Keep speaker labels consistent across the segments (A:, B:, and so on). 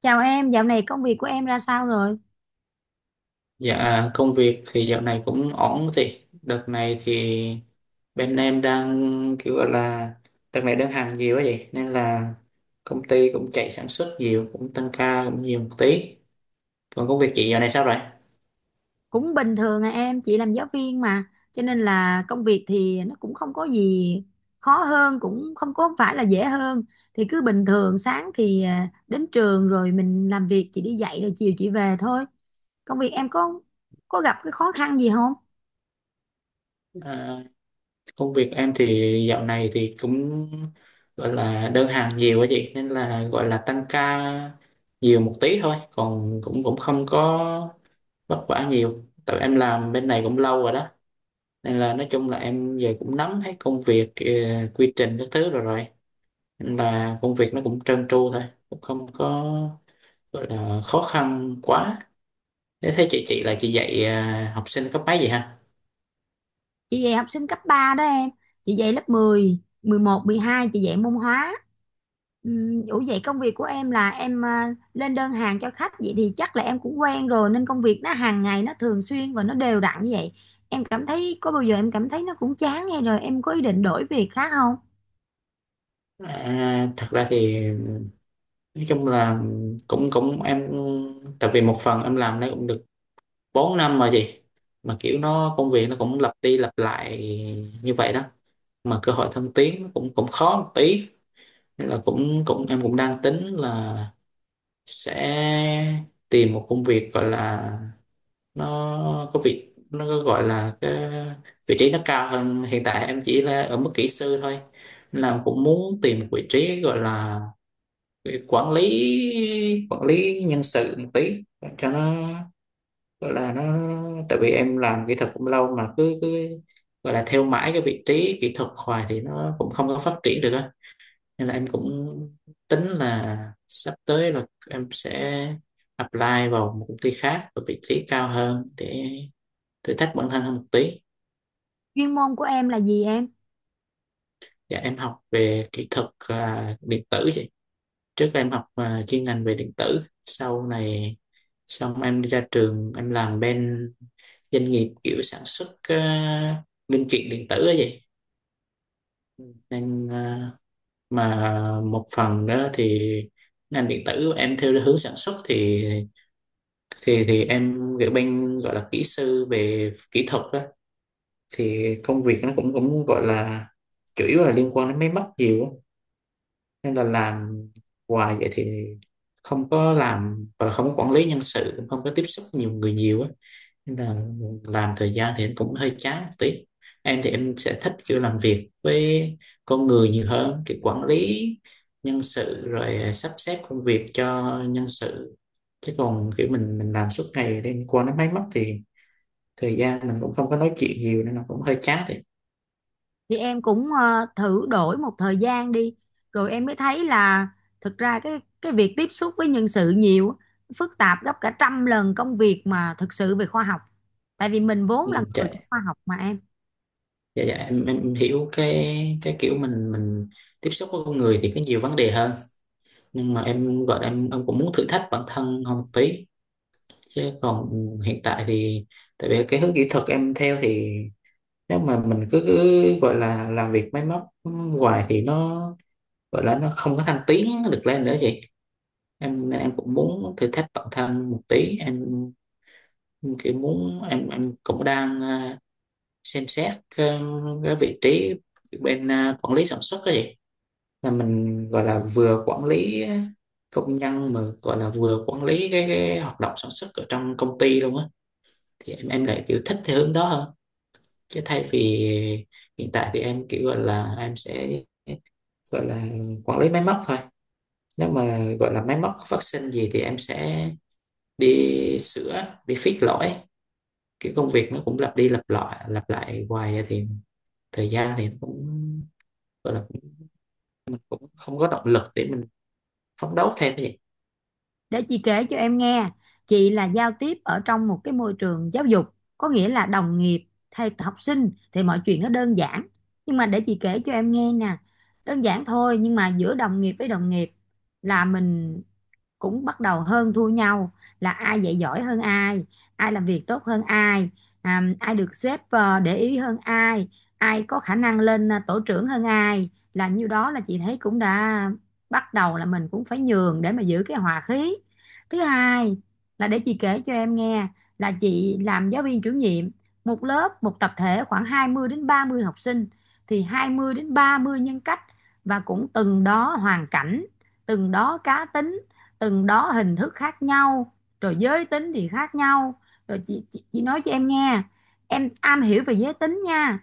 A: Chào em, dạo này công việc của em ra sao rồi?
B: Dạ, công việc thì dạo này cũng ổn. Thì đợt này thì bên em đang kiểu gọi là đợt này đơn hàng nhiều quá vậy, nên là công ty cũng chạy sản xuất nhiều, cũng tăng ca cũng nhiều một tí. Còn công việc chị dạo này sao rồi?
A: Cũng bình thường à em, chị làm giáo viên mà. Cho nên là công việc thì nó cũng không có gì khó hơn, cũng không có phải là dễ hơn. Thì cứ bình thường, sáng thì đến trường rồi mình làm việc, chị đi dạy rồi chiều chị về thôi. Công việc em có gặp cái khó khăn gì không?
B: à, Công việc em thì dạo này thì cũng gọi là đơn hàng nhiều quá chị, nên là gọi là tăng ca nhiều một tí thôi. Còn cũng cũng không có vất vả nhiều, tại em làm bên này cũng lâu rồi đó, nên là nói chung là em về cũng nắm hết công việc, quy trình các thứ rồi rồi, nên là công việc nó cũng trơn tru thôi, cũng không có gọi là khó khăn quá. Thế thấy chị là chị dạy học sinh cấp mấy vậy ha?
A: Chị dạy học sinh cấp 3 đó em, chị dạy lớp 10 11 12, chị dạy môn hóa. Ủa vậy công việc của em là em lên đơn hàng cho khách, vậy thì chắc là em cũng quen rồi nên công việc nó hàng ngày nó thường xuyên và nó đều đặn như vậy. Em cảm thấy có bao giờ em cảm thấy nó cũng chán hay rồi em có ý định đổi việc khác không?
B: Thật ra thì nói chung là cũng cũng em, tại vì một phần em làm nó cũng được 4 năm rồi chị. Mà kiểu nó công việc nó cũng lặp đi lặp lại như vậy đó, mà cơ hội thăng tiến nó cũng cũng khó một tí, nên là cũng cũng em cũng đang tính là sẽ tìm một công việc gọi là nó có việc nó có gọi là cái vị trí nó cao hơn. Hiện tại em chỉ là ở mức kỹ sư thôi. Nên là cũng muốn tìm một vị trí gọi là quản lý nhân sự một tí cho nó gọi là nó, tại vì em làm kỹ thuật cũng lâu mà cứ cứ gọi là theo mãi cái vị trí kỹ thuật hoài thì nó cũng không có phát triển được á. Nên là em cũng tính là sắp tới là em sẽ apply vào một công ty khác ở vị trí cao hơn để thử thách bản thân hơn một tí.
A: Chuyên môn của em là gì em?
B: Dạ em học về kỹ thuật điện tử vậy. Trước em học chuyên ngành về điện tử. Sau này xong em đi ra trường em làm bên doanh nghiệp kiểu sản xuất linh kiện điện tử ấy vậy nên mà một phần đó thì ngành điện tử em theo hướng sản xuất thì em kiểu bên gọi là kỹ sư về kỹ thuật á. Thì công việc nó cũng cũng gọi là chủ yếu là liên quan đến máy móc nhiều á, nên là làm hoài vậy thì không có làm và không có quản lý nhân sự, không có tiếp xúc nhiều người nhiều á. Nên là làm thời gian thì em cũng hơi chán một tí. Em thì em sẽ thích kiểu làm việc với con người nhiều hơn, kiểu quản lý nhân sự rồi sắp xếp công việc cho nhân sự. Chứ còn kiểu mình làm suốt ngày đêm qua nó máy móc thì thời gian mình cũng không có nói chuyện nhiều nên nó cũng hơi chán thì.
A: Thì em cũng thử đổi một thời gian đi rồi em mới thấy là thực ra cái việc tiếp xúc với nhân sự nhiều á, phức tạp gấp cả trăm lần công việc mà thực sự về khoa học, tại vì mình vốn
B: Ừ,
A: là
B: dạ,
A: người của khoa học mà em.
B: dạ, dạ. Em hiểu cái kiểu mình tiếp xúc với con người thì có nhiều vấn đề hơn. Nhưng mà em gọi là em cũng muốn thử thách bản thân hơn một tí. Chứ còn hiện tại thì, tại vì cái hướng kỹ thuật em theo thì nếu mà mình cứ gọi là làm việc máy móc hoài thì nó gọi là nó không có thăng tiến được lên nữa chị. Em nên em cũng muốn thử thách bản thân một tí. Em kiểu muốn, em cũng đang xem xét cái vị trí bên quản lý sản xuất đó chị. Là mình gọi là vừa quản lý công nhân mà gọi là vừa quản lý cái hoạt động sản xuất ở trong công ty luôn á. Thì em lại kiểu thích theo hướng đó hơn chứ thay vì hiện tại thì em kiểu gọi là em sẽ gọi là quản lý máy móc thôi. Nếu mà gọi là máy móc phát sinh gì thì em sẽ đi sửa, đi fix lỗi. Kiểu công việc nó cũng lặp đi lặp lại hoài thì thời gian thì nó cũng gọi là cũng cũng không có động lực để mình phấn đấu thêm cái gì.
A: Để chị kể cho em nghe, chị là giao tiếp ở trong một cái môi trường giáo dục, có nghĩa là đồng nghiệp hay học sinh thì mọi chuyện nó đơn giản. Nhưng mà để chị kể cho em nghe nè, đơn giản thôi nhưng mà giữa đồng nghiệp với đồng nghiệp là mình cũng bắt đầu hơn thua nhau, là ai dạy giỏi hơn ai, ai làm việc tốt hơn ai, ai được sếp để ý hơn ai, ai có khả năng lên tổ trưởng hơn ai, là nhiêu đó là chị thấy cũng đã bắt đầu là mình cũng phải nhường để mà giữ cái hòa khí. Thứ hai là để chị kể cho em nghe, là chị làm giáo viên chủ nhiệm một lớp một tập thể khoảng 20 đến 30 học sinh, thì 20 đến 30 nhân cách, và cũng từng đó hoàn cảnh, từng đó cá tính, từng đó hình thức khác nhau, rồi giới tính thì khác nhau. Rồi chị nói cho em nghe, em am hiểu về giới tính nha,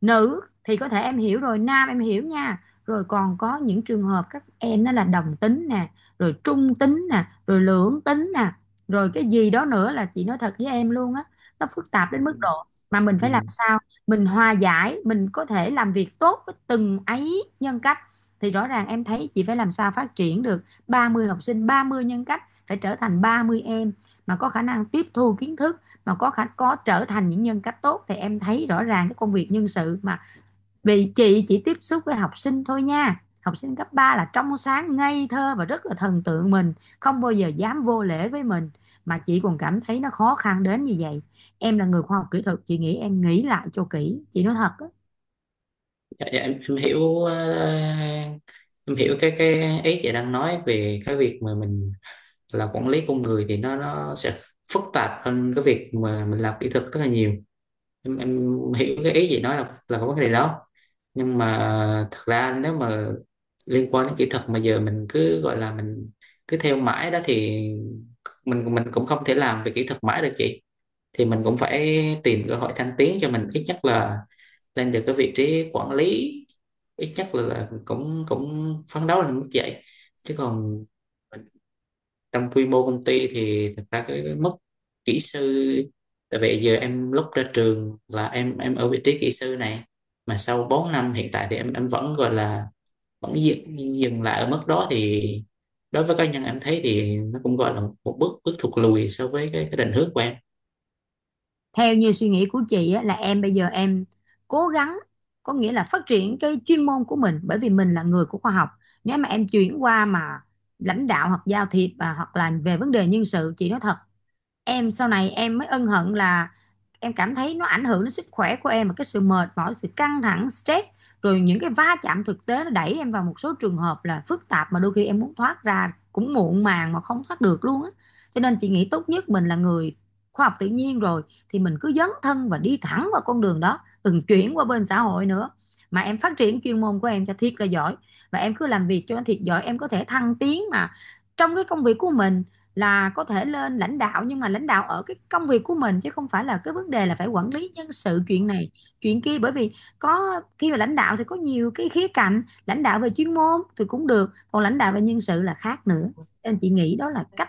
A: nữ thì có thể em hiểu rồi, nam em hiểu nha, rồi còn có những trường hợp các em đó là đồng tính nè, rồi trung tính nè, rồi lưỡng tính nè, rồi cái gì đó nữa, là chị nói thật với em luôn á, nó phức tạp
B: Ừ.
A: đến mức độ mà mình
B: Ừ.
A: phải làm sao mình hòa giải mình có thể làm việc tốt với từng ấy nhân cách. Thì rõ ràng em thấy chị phải làm sao phát triển được 30 học sinh 30 nhân cách phải trở thành 30 em mà có khả năng tiếp thu kiến thức, mà có trở thành những nhân cách tốt, thì em thấy rõ ràng cái công việc nhân sự mà. Vì chị chỉ tiếp xúc với học sinh thôi nha, học sinh cấp 3 là trong sáng ngây thơ và rất là thần tượng mình, không bao giờ dám vô lễ với mình, mà chị còn cảm thấy nó khó khăn đến như vậy. Em là người khoa học kỹ thuật chị nghĩ em nghĩ lại cho kỹ, chị nói thật.
B: Dạ, dạ. Em hiểu cái ý chị đang nói về cái việc mà mình là quản lý con người thì nó sẽ phức tạp hơn cái việc mà mình làm kỹ thuật rất là nhiều. Em hiểu cái ý gì nói là có vấn đề đó. Nhưng mà thật ra nếu mà liên quan đến kỹ thuật mà giờ mình cứ gọi là mình cứ theo mãi đó thì mình cũng không thể làm về kỹ thuật mãi được chị. Thì mình cũng phải tìm cơ hội thăng tiến cho mình, ít nhất là lên được cái vị trí quản lý, ít nhất là cũng cũng phấn đấu lên mức vậy, chứ còn trong quy mô công ty thì thật ra cái, mức kỹ sư, tại vì giờ em lúc ra trường là em ở vị trí kỹ sư này. Mà sau 4 năm hiện tại thì em vẫn gọi là vẫn dừng lại ở mức đó thì đối với cá nhân em thấy thì nó cũng gọi là một bước bước thụt lùi so với cái định hướng của em.
A: Theo như suy nghĩ của chị á, là em bây giờ em cố gắng, có nghĩa là phát triển cái chuyên môn của mình, bởi vì mình là người của khoa học. Nếu mà em chuyển qua mà lãnh đạo hoặc giao thiệp và hoặc là về vấn đề nhân sự, chị nói thật, em sau này em mới ân hận là em cảm thấy nó ảnh hưởng đến sức khỏe của em, và cái sự mệt mỏi sự căng thẳng stress, rồi những cái va chạm thực tế nó đẩy em vào một số trường hợp là phức tạp mà đôi khi em muốn thoát ra cũng muộn màng mà không thoát được luôn á. Cho nên chị nghĩ tốt nhất mình là người khoa học tự nhiên rồi, thì mình cứ dấn thân và đi thẳng vào con đường đó, đừng chuyển qua bên xã hội nữa, mà em phát triển chuyên môn của em cho thiệt là giỏi, và em cứ làm việc cho nó thiệt giỏi, em có thể thăng tiến mà trong cái công việc của mình, là có thể lên lãnh đạo, nhưng mà lãnh đạo ở cái công việc của mình chứ không phải là cái vấn đề là phải quản lý nhân sự chuyện này chuyện kia. Bởi vì có khi mà lãnh đạo thì có nhiều cái khía cạnh, lãnh đạo về chuyên môn thì cũng được, còn lãnh đạo về nhân sự là khác nữa. Nên chị nghĩ đó là cách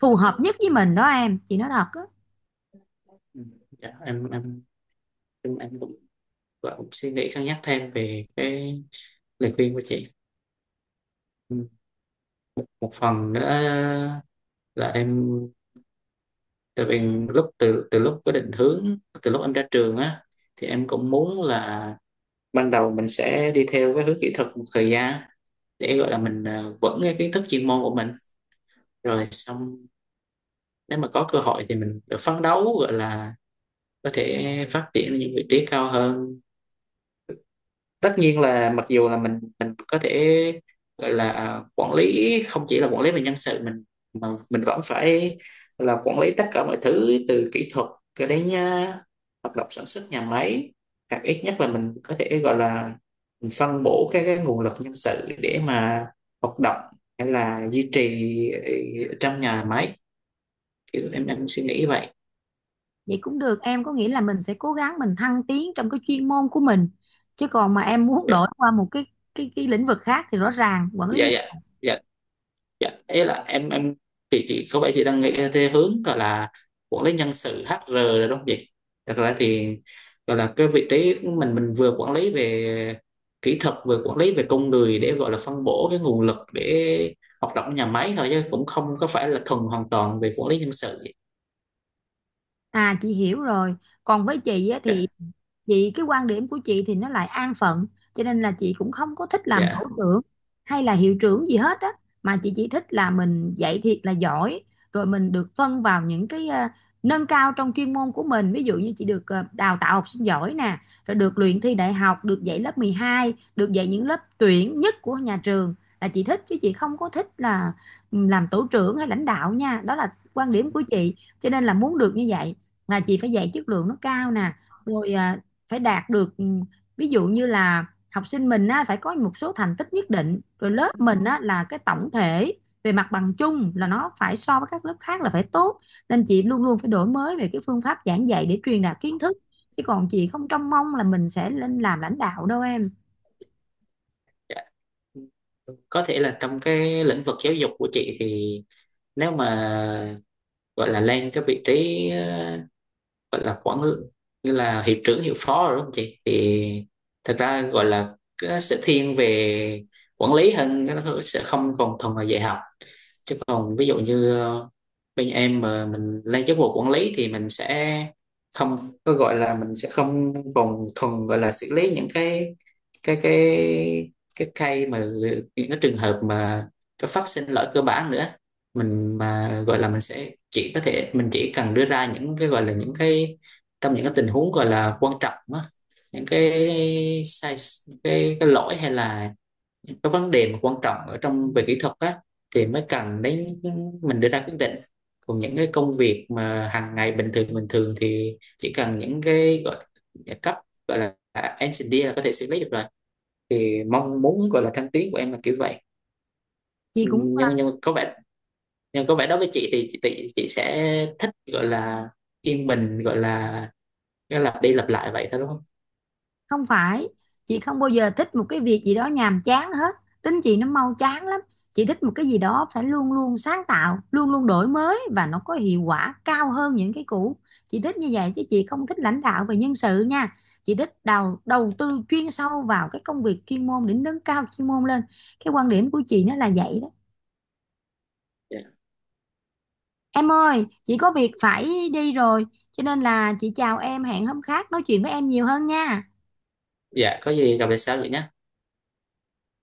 A: phù hợp nhất với mình đó em, chị nói thật á.
B: Ừ. Dạ, em cũng, cũng suy nghĩ cân nhắc thêm về cái lời khuyên của chị. Ừ. Một phần nữa là em, tại vì lúc từ từ lúc có định hướng từ lúc em ra trường á, thì em cũng muốn là ban đầu mình sẽ đi theo cái hướng kỹ thuật một thời gian để gọi là mình vững cái kiến thức chuyên môn của mình. Rồi xong nếu mà có cơ hội thì mình phấn đấu gọi là có thể phát triển ở những vị trí cao hơn. Tất nhiên là mặc dù là mình có thể gọi là quản lý không chỉ là quản lý về nhân sự mình, mà mình vẫn phải là quản lý tất cả mọi thứ từ kỹ thuật cho đến hoạt động sản xuất nhà máy, hoặc ít nhất là mình có thể gọi là mình phân bổ cái nguồn lực nhân sự để mà hoạt động hay là duy trì trong nhà máy. Kiểu em suy nghĩ vậy.
A: Vậy cũng được em, có nghĩa là mình sẽ cố gắng mình thăng tiến trong cái chuyên môn của mình, chứ còn mà em muốn
B: Dạ,
A: đổi qua một cái lĩnh vực khác thì rõ ràng quản lý
B: dạ,
A: nhân...
B: dạ. Dạ. Dạ, ý là em chị có vẻ chị đang nghĩ theo hướng gọi là quản lý nhân sự HR rồi đúng không chị? Thật ra thì gọi là cái vị trí của mình vừa quản lý về kỹ thuật, vừa quản lý về con người để gọi là phân bổ cái nguồn lực để hoạt động nhà máy thôi chứ cũng không có phải là thuần hoàn toàn về quản lý nhân sự.
A: À chị hiểu rồi. Còn với chị á,
B: Dạ,
A: thì cái quan điểm của chị thì nó lại an phận, cho nên là chị cũng không có thích làm tổ
B: dạ.
A: trưởng hay là hiệu trưởng gì hết á, mà chị chỉ thích là mình dạy thiệt là giỏi, rồi mình được phân vào những cái nâng cao trong chuyên môn của mình, ví dụ như chị được đào tạo học sinh giỏi nè, rồi được luyện thi đại học, được dạy lớp 12, được dạy những lớp tuyển nhất của nhà trường là chị thích, chứ chị không có thích là làm tổ trưởng hay lãnh đạo nha. Đó là quan điểm của chị. Cho nên là muốn được như vậy là chị phải dạy chất lượng nó cao nè, rồi phải đạt được ví dụ như là học sinh mình á, phải có một số thành tích nhất định, rồi lớp mình á, là cái tổng thể về mặt bằng chung là nó phải so với các lớp khác là phải tốt. Nên chị luôn luôn phải đổi mới về cái phương pháp giảng dạy để truyền đạt kiến thức, chứ còn chị không trông mong là mình sẽ lên làm lãnh đạo đâu em.
B: Dạ. Có thể là trong cái lĩnh vực giáo dục của chị thì nếu mà gọi là lên cái vị trí gọi là như là hiệu trưởng hiệu phó rồi đúng không chị thì thật ra gọi là cái sẽ thiên về quản lý hơn, cái nó sẽ không còn thuần là dạy học. Chứ còn ví dụ như bên em mà mình lên chức vụ quản lý thì mình sẽ không có gọi là mình sẽ không còn thuần gọi là xử lý những cái cái cái cây mà những cái trường hợp mà có phát sinh lỗi cơ bản nữa. Mình mà gọi là mình sẽ chỉ có thể mình chỉ cần đưa ra những cái gọi là những cái trong những cái tình huống gọi là quan trọng á, những cái sai, cái lỗi hay là những cái vấn đề mà quan trọng ở trong về kỹ thuật á thì mới cần đến mình đưa ra quyết định. Còn những cái công việc mà hàng ngày bình thường thì chỉ cần những cái gọi là cấp gọi là engineer là có thể xử lý được rồi. Thì mong muốn gọi là thăng tiến của em là kiểu vậy.
A: Chị cũng
B: Nhưng nhưng mà có vẻ nhưng có vẻ đối với chị thì chị sẽ thích gọi là yên bình, gọi là nó lặp đi lặp lại vậy thôi đúng không?
A: không phải, chị không bao giờ thích một cái việc gì đó nhàm chán hết, tính chị nó mau chán lắm. Chị thích một cái gì đó phải luôn luôn sáng tạo luôn luôn đổi mới và nó có hiệu quả cao hơn những cái cũ, chị thích như vậy chứ chị không thích lãnh đạo về nhân sự nha. Chị thích đầu đầu tư chuyên sâu vào cái công việc chuyên môn để nâng cao chuyên môn lên, cái quan điểm của chị nó là vậy đó.
B: Dạ.
A: Em ơi chị có việc phải đi rồi, cho nên là chị chào em, hẹn hôm khác nói chuyện với em nhiều hơn nha.
B: Dạ, có gì gặp lại sau vậy nhé.